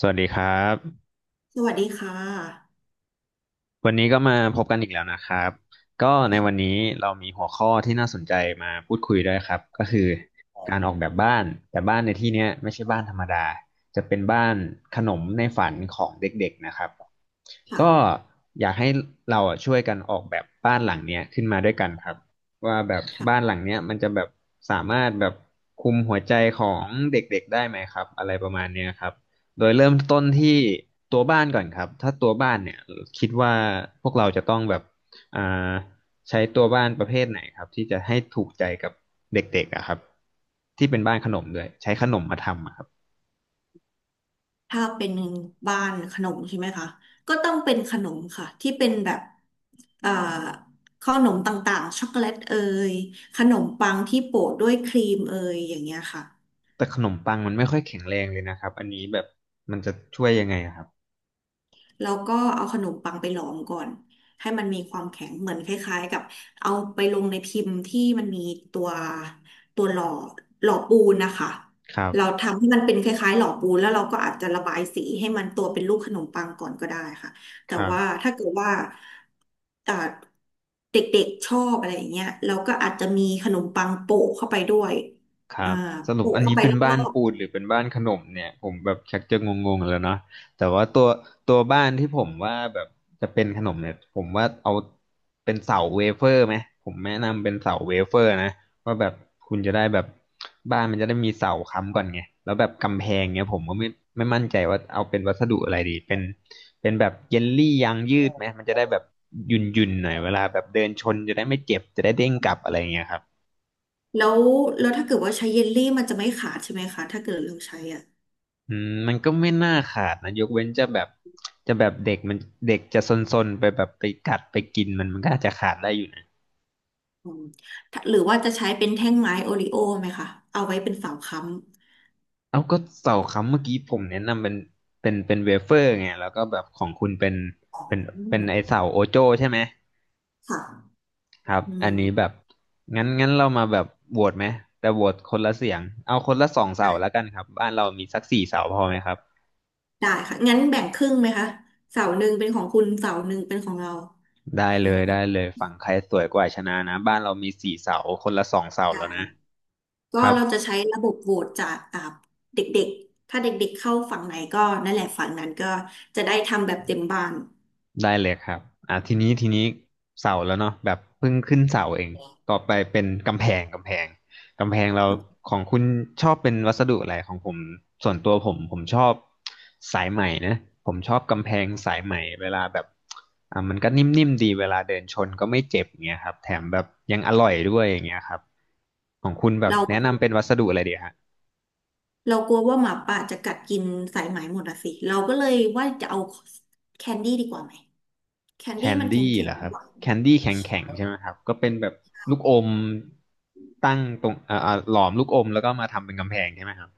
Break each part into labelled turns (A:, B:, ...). A: สวัสดีครับ
B: สวัสดีค่ะ
A: วันนี้ก็มาพบกันอีกแล้วนะครับก็ในวันนี้เรามีหัวข้อที่น่าสนใจมาพูดคุยด้วยครับก็คือการออกแบบบ้านแต่บ้านในที่เนี้ยไม่ใช่บ้านธรรมดาจะเป็นบ้านขนมในฝันของเด็กๆนะครับก็
B: ค่ะ
A: อยากให้เราอะช่วยกันออกแบบบ้านหลังเนี้ยขึ้นมาด้วยกันครับว่าแบบบ้าน
B: ค่ะ
A: หลังเนี้ยมันจะแบบสามารถแบบคุมหัวใจของเด็กๆได้ไหมครับอะไรประมาณเนี้ยครับ โดยเริ่มต้นที่ตัวบ้านก่อนครับถ้าตัวบ้านเนี่ยคิดว่าพวกเราจะต้องแบบอ่าใช้ตัวบ้านประเภทไหนครับที่จะให้ถูกใจกับเด็กๆอะครับที่เป็นบ้านขนมด้วยใช้ขนมมาทำอะครับ
B: ถ้าเป็นบ้านขนมใช่ไหมคะ ก็ต้องเป็นขนมค่ะที่เป็นแบบขอ่อขนมต่างๆช็อกโกแลตเอยขนมปังที่โปะด้วยครีมเอยอย่างเงี้ยค่ะ
A: แต่ขนมปังมันไม่ค่อยแข็งแรงเลยนะครับอันนี้แบบมันจะช่วยยังไงอะครับ
B: แล้วก็เอาขนมปังไปหลอมก่อนให้มันมีความแข็งเหมือนคล้ายๆกับเอาไปลงในพิมพ์ที่มันมีตัวตัวหล่อปูนนะคะ
A: ครั
B: เรา
A: บ
B: ทำให้มันเป็นคล้ายๆหล่อปูนแล้วเราก็อาจจะระบายสีให้มันตัวเป็นรูปขนมปังก่อนก็ได้ค่ะแต่
A: ครับ
B: ว่าถ้าเกิดว่าอ่าเด็กๆชอบอะไรอย่างเงี้ยเราก็อาจจะมีขนมปังโปะเข้าไปด้วย
A: ครั
B: อ่า
A: บสรุป
B: โปะ
A: อัน
B: เข้า
A: นี้
B: ไป
A: เป็น
B: ร
A: บ้า
B: อ
A: น
B: บ
A: ปูนหรือเป็นบ้านขนมเนี่ยผมแบบชักจะงงๆแล้วเนาะแต่ว่าตัวบ้านที่ผมว่าแบบจะเป็นขนมเนี่ยผมว่าเอาเป็นเสาเวเฟอร์ไหมผมแนะนำเป็นเสาเวเฟอร์นะว่าแบบคุณจะได้แบบบ้านมันจะได้มีเสาค้ำก่อนไงแล้วแบบกำแพงเนี่ยผมก็ไม่มั่นใจว่าเอาเป็นวัสดุอะไรดีเป็นแบบเยลลี่ยางยืดไหมมันจะได้แบบยุ่นๆหน่อยเวลาแบบเดินชนจะได้ไม่เจ็บจะได้เด้งกลับอะไรอย่างเงี้ยครับ
B: ๆแล้วถ้าเกิดว่าใช้เยลลี่มันจะไม่ขาดใช่ไหมคะถ้าเกิดเราใช้อ่ะ
A: อืมมันก็ไม่น่าขาดนะยกเว้นจะแบบเด็กมันเด็กจะซนๆไปแบบไปกัดไปกินมันมันก็อาจจะขาดได้อยู่นะ
B: อืมถ้าหรือว่าจะใช้เป็นแท่งไม้โอริโอไหมคะเอาไว้เป็นเสาค้ำ
A: เอาก็เสาค้ำเมื่อกี้ผมแนะนำเป็นเวเฟอร์ไงแล้วก็แบบของคุณเป็น
B: อื
A: เป็นไอ
B: ม
A: เสาโอโจ้ใช่ไหม
B: ค่ะ
A: ครับ
B: อื
A: อันนี้แบ
B: ม
A: บงั้นเรามาแบบโหวตไหมแต่โหวตคนละเสียงเอาคนละสองเสา
B: ได้
A: แล้วกันครับบ้านเรามีสักสี่เสาพอไหมครับ
B: ได้ค่ะงั้นแบ่งครึ่งไหมคะเสาหนึ่งเป็นของคุณเสาหนึ่งเป็นของเรา
A: ได้เลยได้เลยฝั่งใครสวยกว่าชนะนะบ้านเรามีสี่เสาคนละสองเสา
B: ได้
A: แล้วนะ
B: ก็
A: ครับ
B: เราจะใช้ระบบโหวตจากเด็กๆถ้าเด็กๆเข้าฝั่งไหนก็นั่นแหละฝั่งนั้นก็จะได้ทำแบบเต็มบ้าน
A: ได้เลยครับอ่ะทีนี้เสาแล้วเนาะแบบเพิ่งขึ้นเสาเองต่อไปเป็นกำแพงกำแพงกำแพงเราของคุณชอบเป็นวัสดุอะไรของผมส่วนตัวผมชอบสายไหมนะผมชอบกำแพงสายไหมเวลาแบบอ่ะมันก็นิ่มๆดีเวลาเดินชนก็ไม่เจ็บอย่างเงี้ยครับแถมแบบยังอร่อยด้วยอย่างเงี้ยครับของคุณแบบ
B: เรา
A: แนะนำเป็นวัสดุอะไรดีฮะ
B: เรากลัวว่าหมาป่าจะกัดกินสายไหมหมดอะสิเราก็เลยว่าจะเอาแคนดี้ดีกว่าไหมแคน
A: แค
B: ดี้
A: น
B: มันแข
A: ดี้
B: ็
A: เหร
B: ง
A: อค
B: ๆ
A: รับ
B: หวาน
A: แคนดี้แข็งแข็งใช่ไหมครับก็เป็นแบบลูกอมตั้งตรงหลอมลูกอมแล้วก็มาทำเป็นกำแพงใช่ไหมครับ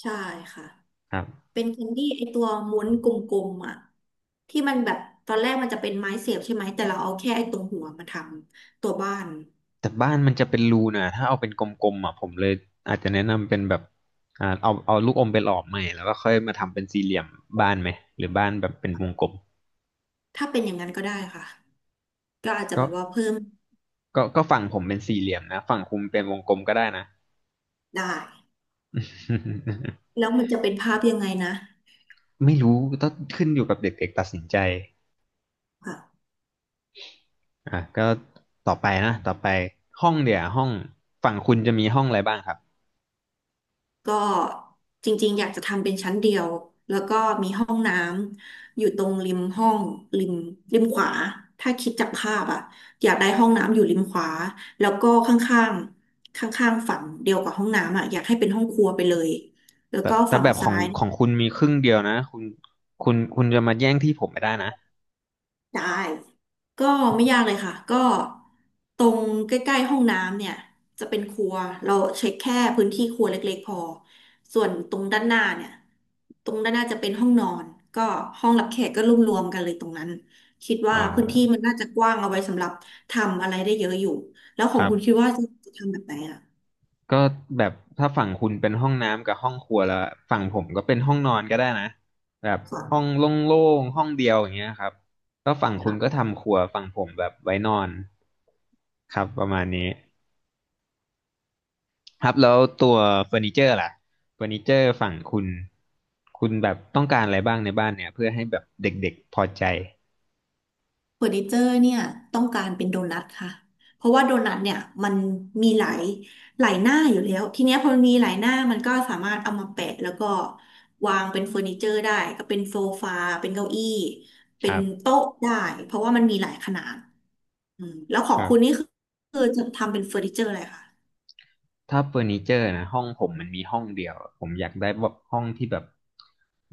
B: ใช่ค่ะ
A: ครับ
B: เป็นแคนดี้ไอตัวม้วนกลมๆอ่ะที่มันแบบตอนแรกมันจะเป็นไม้เสียบใช่ไหมแต่เราเอาแค่ไอตรงหัวมาทำตัวบ้าน
A: แต่บ้านมันจะเป็นรูนะถ้าเอาเป็นกลมๆอ่ะผมเลยอาจจะแนะนำเป็นแบบเอาลูกอมไปหลอมใหม่แล้วก็ค่อยมาทำเป็นสี่เหลี่ยมบ้านไหมหรือบ้านแบบเป็นวงกลม
B: ถ้าเป็นอย่างนั้นก็ได้ค่ะก็อาจจะแบ
A: ก็
B: บว่าเพิ่ม
A: ก็ฝั่งผมเป็นสี่เหลี่ยมนะฝั่งคุณเป็นวงกลมก็ได้นะ
B: ได้ แล้วมันจะเป็นภาพยังไงนะ
A: ไม่รู้ต้องขึ้นอยู่กับเด็กๆตัดสินใจ
B: ค่ะ
A: อ่ะก็ต่อไปนะต่อไปห้องเดี๋ยวห้องฝั่งคุณจะมีห้องอะไรบ้างครับ
B: ก็จริงๆอยากจะทำเป็นชั้นเดียวแล้วก็มีห้องน้ำอยู่ตรงริมห้องริมริมขวาถ้าคิดจากภาพอะอยากได้ห้องน้ำอยู่ริมขวาแล้วก็ข้างๆข้างๆฝั่งเดียวกับห้องน้ำอะอยากให้เป็นห้องครัวไปเลยแล้ว
A: แต่
B: ก็
A: แต่
B: ฝั่ง
A: แบบขอ
B: ซ้า
A: ง
B: ย
A: ของคุณมีครึ่งเดียวนะคุณจะมาแย่งที่ผมไม่ได้นะ
B: ได้ก็ไม่ยากเลยค่ะก็ตรงใกล้ๆห้องน้ำเนี่ยจะเป็นครัวเราเช็คแค่พื้นที่ครัวเล็กๆพอส่วนตรงด้านหน้าเนี่ยตรงด้านหน้าจะเป็นห้องนอนก็ห้องรับแขกก็รวมๆกันเลยตรงนั้นคิด
A: อ๋อ
B: ว่าพื้นที่มันน่าจะกว้างเอาไว้สำหรับทำอะไรได้เยอะอยู่แล้วข
A: ค
B: อง
A: รับ
B: คุณคิดว่าจะทำแบบไหนอ่ะ
A: ก็แบบถ้าฝั่งคุณเป็นห้องน้ำกับห้องครัวแล้วฝั่งผมก็เป็นห้องนอนก็ได้นะแบบ
B: ก่อน
A: ห้องโล่งๆห้องเดียวอย่างเงี้ยครับแล้วฝั่งคุณก็ทำครัวฝั่งผมแบบไว้นอนครับประมาณนี้ ครับแล้วตัวเฟอร์นิเจอร์ล่ะเฟอร์นิเจอร์ฝั่งคุณคุณแบบต้องการอะไรบ้างในบ้านเนี่ยเพื่อให้แบบเด็กๆพอใจ
B: เฟอร์นิเจอร์เนี่ยต้องการเป็นโดนัทค่ะเพราะว่าโดนัทเนี่ยมันมีหลายหน้าอยู่แล้วทีเนี้ยพอมีหลายหน้ามันก็สามารถเอามาแปะแล้วก็วางเป็นเฟอร์นิเจอร์ได้ก็เป็นโซฟาเป็นเก้าอี้
A: ค
B: เป็น
A: รับ
B: โต๊ะได้เพราะว่ามันมีหลายขนาดอืมแล้วขอ
A: ค
B: ง
A: รั
B: คุณนี่
A: บ
B: คือจะทำเป็นเฟอร์นิเจอร์อะไรคะ
A: ถ้าเฟอร์นิเจอร์นะห้องผมมันมีห้องเดียวผมอยากได้แบบห้องที่แบบ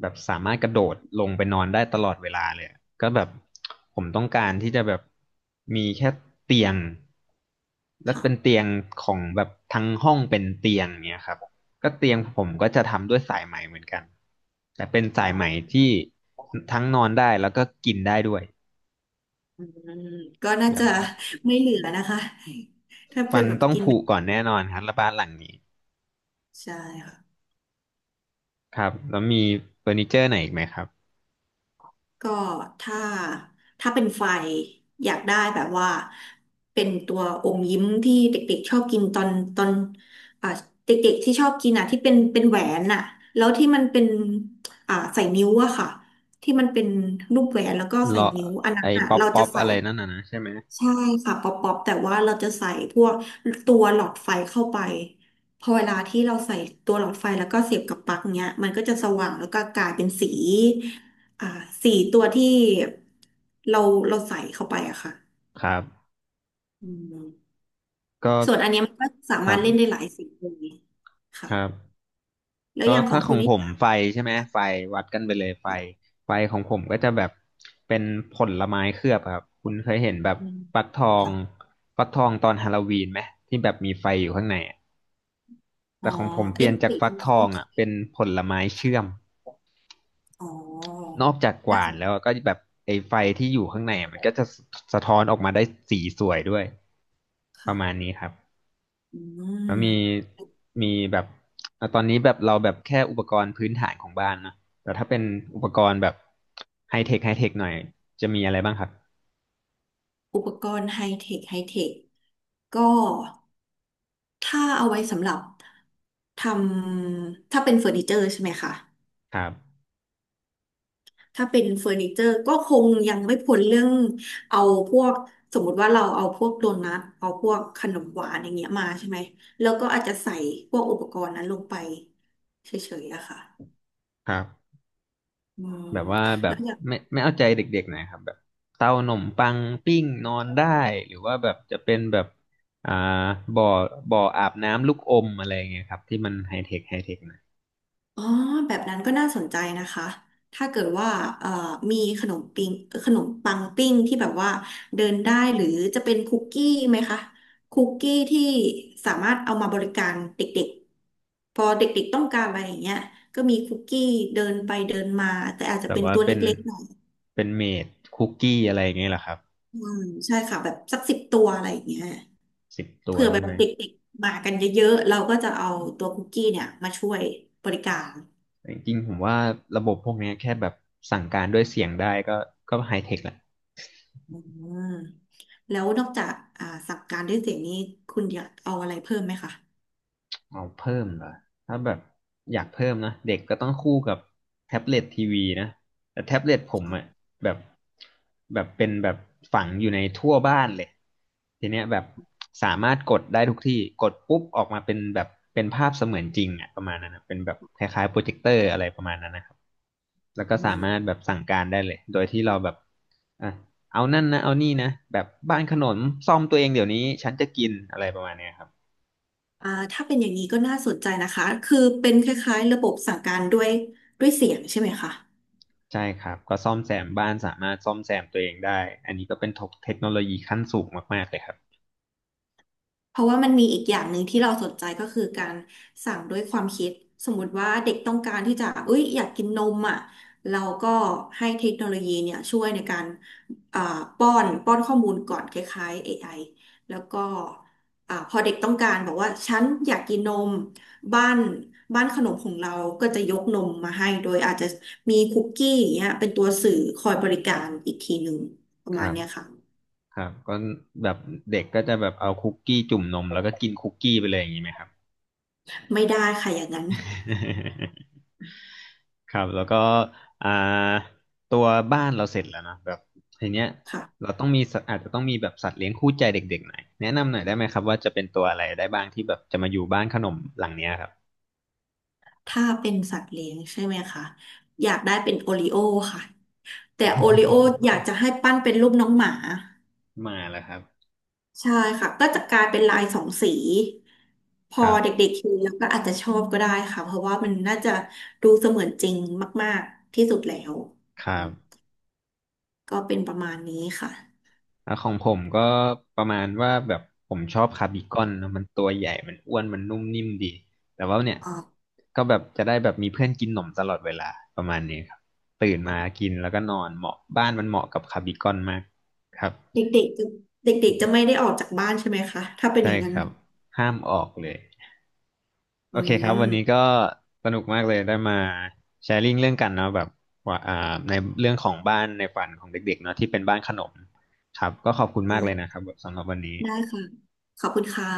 A: แบบสามารถกระโดดลงไปนอนได้ตลอดเวลาเลยอะก็แบบผมต้องการที่จะแบบมีแค่เตียงและเป็น
B: ค่ะ
A: เตียงของแบบทั้งห้องเป็นเตียงเนี่ยครับก็เตียงผมก็จะทำด้วยสายไหมเหมือนกันแต่เป็น
B: อ๋อ
A: สายไหมที่ทั้งนอนได้แล้วก็กินได้ด้วย
B: อืมก็น่า
A: แบบ
B: จะ
A: ว่า
B: ไม่เหลือนะคะถ้าเป็
A: ฟั
B: น
A: น
B: แบบ
A: ต้อง
B: กิน
A: ผุ
B: เป็น
A: ก่อนแน่นอนครับและบ้านหลังนี้
B: ใช่ค่ะ
A: ครับแล้วมีเฟอร์นิเจอร์ไหนอีกไหมครับ
B: ก็ถ้าเป็นไฟอยากได้แบบว่าเป็นตัวอมยิ้มที่เด็กๆชอบกินตอนตอนอ่าเด็กๆที่ชอบกินอ่ะที่เป็นแหวนอ่ะแล้วที่มันเป็นใส่นิ้วอะค่ะที่มันเป็นรูปแหวนแล้วก็ใส่
A: เลาะ
B: นิ้วอันนั้
A: ไอ้
B: นอ่ะ
A: ป๊อป
B: เรา
A: ป๊
B: จะ
A: อป
B: ใส่
A: อะไรนั่นน่ะนะใช่ไหม
B: ใช่ค่ะป๊อปป๊อปแต่ว่าเราจะใส่พวกตัวหลอดไฟเข้าไปพอเวลาที่เราใส่ตัวหลอดไฟแล้วก็เสียบกับปลั๊กเนี้ยมันก็จะสว่างแล้วก็กลายเป็นสีอ่าสีตัวที่เราเราใส่เข้าไปอะค่ะ
A: ครับ
B: อืม
A: ก็
B: ส่วนอันเนี้ยมันก็สา
A: ค
B: มา
A: รั
B: รถเล่นได้
A: บ
B: หลายสีเลยค่ะ
A: ครับ
B: แล้ว
A: ก็
B: อย่างขอ
A: ถ้า
B: ง
A: ข
B: คุ
A: อ
B: ณ
A: ง
B: นี่
A: ผม
B: จะ
A: ไฟใช่ไหมไฟวัดกันไปเลยไฟไฟของผมก็จะแบบเป็นผลไม้เคลือบครับคุณเคยเห็นแบบ
B: อืม
A: ฟักทอง
B: ค่ะ
A: ฟักทองตอนฮาโลวีนไหมที่แบบมีไฟอยู่ข้างในอะ
B: อ๋อ
A: แต่ของผมเป
B: ไอ้
A: ลี่ยนจาก
B: สี
A: ฟั
B: ช
A: ก
B: ม
A: ทอ
B: พู
A: ง
B: ใช่ไหม
A: เป็นผลไม้เชื่อ
B: คะ
A: ม
B: อ๋อ
A: นอกจากห
B: น่า
A: วา
B: ส
A: น
B: นใจ
A: แล้วก็แบบไอ้ไฟที่อยู่ข้างในอะมันก็จะสะท้อนออกมาได้สีสวยด้วยป
B: ค่ะ
A: ระมาณนี้ครับ
B: อื
A: แล้วมี
B: ม
A: มีแบบตอนนี้แบบเราแบบแค่อุปกรณ์พื้นฐานของบ้านนะแต่ถ้าเป็นอุปกรณ์แบบไฮเทคไฮเทคหน่อยจะมีอะไรบ้างครับ
B: อุปกรณ์ไฮเทคไฮเทค ก็ถ้าเอาไว้สำหรับทำถ้าเป็นเฟอร์นิเจอร์ใช่ไหมคะ
A: ครับ
B: ถ้าเป็นเฟอร์นิเจอร์ก็คงยังไม่พ้นเรื่องเอาพวกสมมุติว่าเราเอาพวกโดนัทเอาพวกขนมหวานอย่างเงี้ยมาใช่ไหมแล้วก็อาจจะใส่พวกอุปกรณ์นั้นลงไปเฉยๆอะค่ะ
A: ครับ
B: อืม
A: แบบว่าแบ
B: แล้
A: บ
B: วอย่าง
A: ไม่เอาใจเด็กๆหน่อยครับแบบเตาหนมปังปิ้งนอนได้หรือว่าแบบจะเป็นแบบอ่าบ่อบ่ออาบน้ำลูกอมอะไรอย่างเงี้ยครับที่มันไฮเทคไฮเทคหน่อย
B: อ๋อแบบนั้นก็น่าสนใจนะคะ ถ้าเกิดว่าเอ่อมีขนมปิ้งขนมปังปิ้งที่แบบว่าเดินได้หรือจะเป็นคุกกี้ไหมคะคุกกี้ที่สามารถเอามาบริการเด็กๆพอเด็กๆต้องการอะไรอย่างเงี้ยก็มีคุกกี้เดินไปเดินมาแต่อาจจะ
A: แบบ
B: เป็น
A: ว่า
B: ตัว
A: เป็น
B: เล็กๆหน่อย
A: เมดคุกกี้อะไรอย่างเงี้ยเหรอครับ
B: อืมใช่ค่ะแบบสักสิบตัวอะไรอย่างเงี้ย
A: 10 ตัว
B: เผื่อแบ
A: ใช่
B: บ
A: ไหม
B: เด็กๆมากันเยอะๆเราก็จะเอาตัวคุกกี้เนี่ยมาช่วยบริการ
A: แต่จริงๆผมว่าระบบพวกเนี้ยแค่แบบสั่งการด้วยเสียงได้ก็ไฮเทคละ
B: อืม แล้วนอกจากสั่งการด้วยเสียงนี้คุณอยากเอาอะไรเพิ่มไหมคะ
A: เอาเพิ่มเหรอถ้าแบบอยากเพิ่มนะเด็กก็ต้องคู่กับแท็บเล็ตทีวีนะแต่แท็บเล็ตผมอะแบบเป็นแบบฝังอยู่ในทั่วบ้านเลยทีเนี้ยแบบสามารถกดได้ทุกที่กดปุ๊บออกมาเป็นแบบเป็นภาพเสมือนจริงอะประมาณนั้นนะเป็นแบบคล้ายๆโปรเจคเตอร์อะไรประมาณนั้นนะครับแล้วก็
B: อื
A: สามารถ
B: ม
A: แบบสั่งการได้เลยโดยที่เราแบบอ่ะเอานั่นนะเอานี่นะแบบบ้านขนมซ่อมตัวเองเดี๋ยวนี้ฉันจะกินอะไรประมาณเนี้ยครับ
B: ถ้าเป็นอย่างนี้ก็น่าสนใจนะคะคือเป็นคล้ายๆระบบสั่งการด้วยเสียงใช่ไหมคะ
A: ใช่ครับก็ซ่อมแซมบ้านสามารถซ่อมแซมตัวเองได้อันนี้ก็เป็นเทคโนโลยีขั้นสูงมากๆเลยครับ
B: เพราะว่ามันมีอีกอย่างหนึ่งที่เราสนใจก็คือการสั่งด้วยความคิดสมมติว่าเด็กต้องการที่จะเอ้ยอยากกินนมอ่ะเราก็ให้เทคโนโลยีเนี่ยช่วยในการอ่าป้อนข้อมูลก่อนคล้ายๆ AI แล้วก็พอเด็กต้องการบอกว่าฉันอยากกินนมบ้านบ้านขนมของเราก็จะยกนมมาให้โดยอาจจะมีคุกกี้อย่างเงี้ยเป็นตัวสื่อคอยบริการอีกทีหนึ่งประ
A: ค
B: มาณ
A: รับ
B: เนี้ยค่ะ
A: ครับก็แบบเด็กก็จะแบบเอาคุกกี้จุ่มนมแล้วก็กินคุกกี้ไปเลยอย่างนี้ไหมครับ
B: ไม่ได้ค่ะอย่างนั้น
A: ครับแล้วก็อ่าตัวบ้านเราเสร็จแล้วนอะแบบทีเนี้ย
B: ค่ะ
A: เราต้องมีสัตว์อาจจะต้องมีแบบสัตว์เลี้ยงคู่ใจเด็กๆหน่อยแนะนำหน่อยได้ไหมครับว่าจะเป็นตัวอะไรได้บ้างที่แบบจะมาอยู่บ้านขนมหลังเนี้ยครับ
B: ถ้าเป็นสัตว์เลี้ยงใช่ไหมคะอยากได้เป็นโอริโอค่ะแต่โอริโออยากจะให้ปั้นเป็นรูปน้องหมา
A: มาแล้วครับ
B: ใช่ค่ะก็จะกลายเป็นลายสองสีพ
A: ค
B: อ
A: รับ
B: เด็กๆเห็นแล้วก็อาจจะชอบก็ได้ค่ะเพราะว่ามันน่าจะดูเสมือนจริงมากๆที่สุดแล้ว
A: ค
B: อื
A: รับ
B: มก็เป็นประมาณนี้ค่ะ
A: ของผมก็ประมาณว่าแบบผมชอบคาร์บีคอนนะมันตัวใหญ่มันอ้วนมันนุ่มนิ่มดีแต่ว่าเนี่ย
B: อ่า
A: ก็แบบจะได้แบบมีเพื่อนกินหนมตลอดเวลาประมาณนี้ครับตื่นมากินแล้วก็นอนเหมาะบ้านมันเหมาะกับคาร์บีคอนมากครับ
B: เด็กๆจะเด็กๆจะไม่ได้ออกจากบ้านใช่ไหมคะถ้าเป็นอ
A: ใช่
B: ย่างนั้
A: ค
B: น
A: รับห้ามออกเลย
B: อื
A: โอเคครับวันนี้
B: ม
A: ก็สนุกมากเลยได้มาแชร์ลิงเรื่องกันเนาะแบบว่าในเรื่องของบ้านในฝันของเด็กๆเนาะที่เป็นบ้านขนมครับก็ขอบคุณ
B: อื
A: มากเลยนะค
B: ม
A: รับสำหรับวันนี้
B: ได้ค่ะขอบคุณค่ะ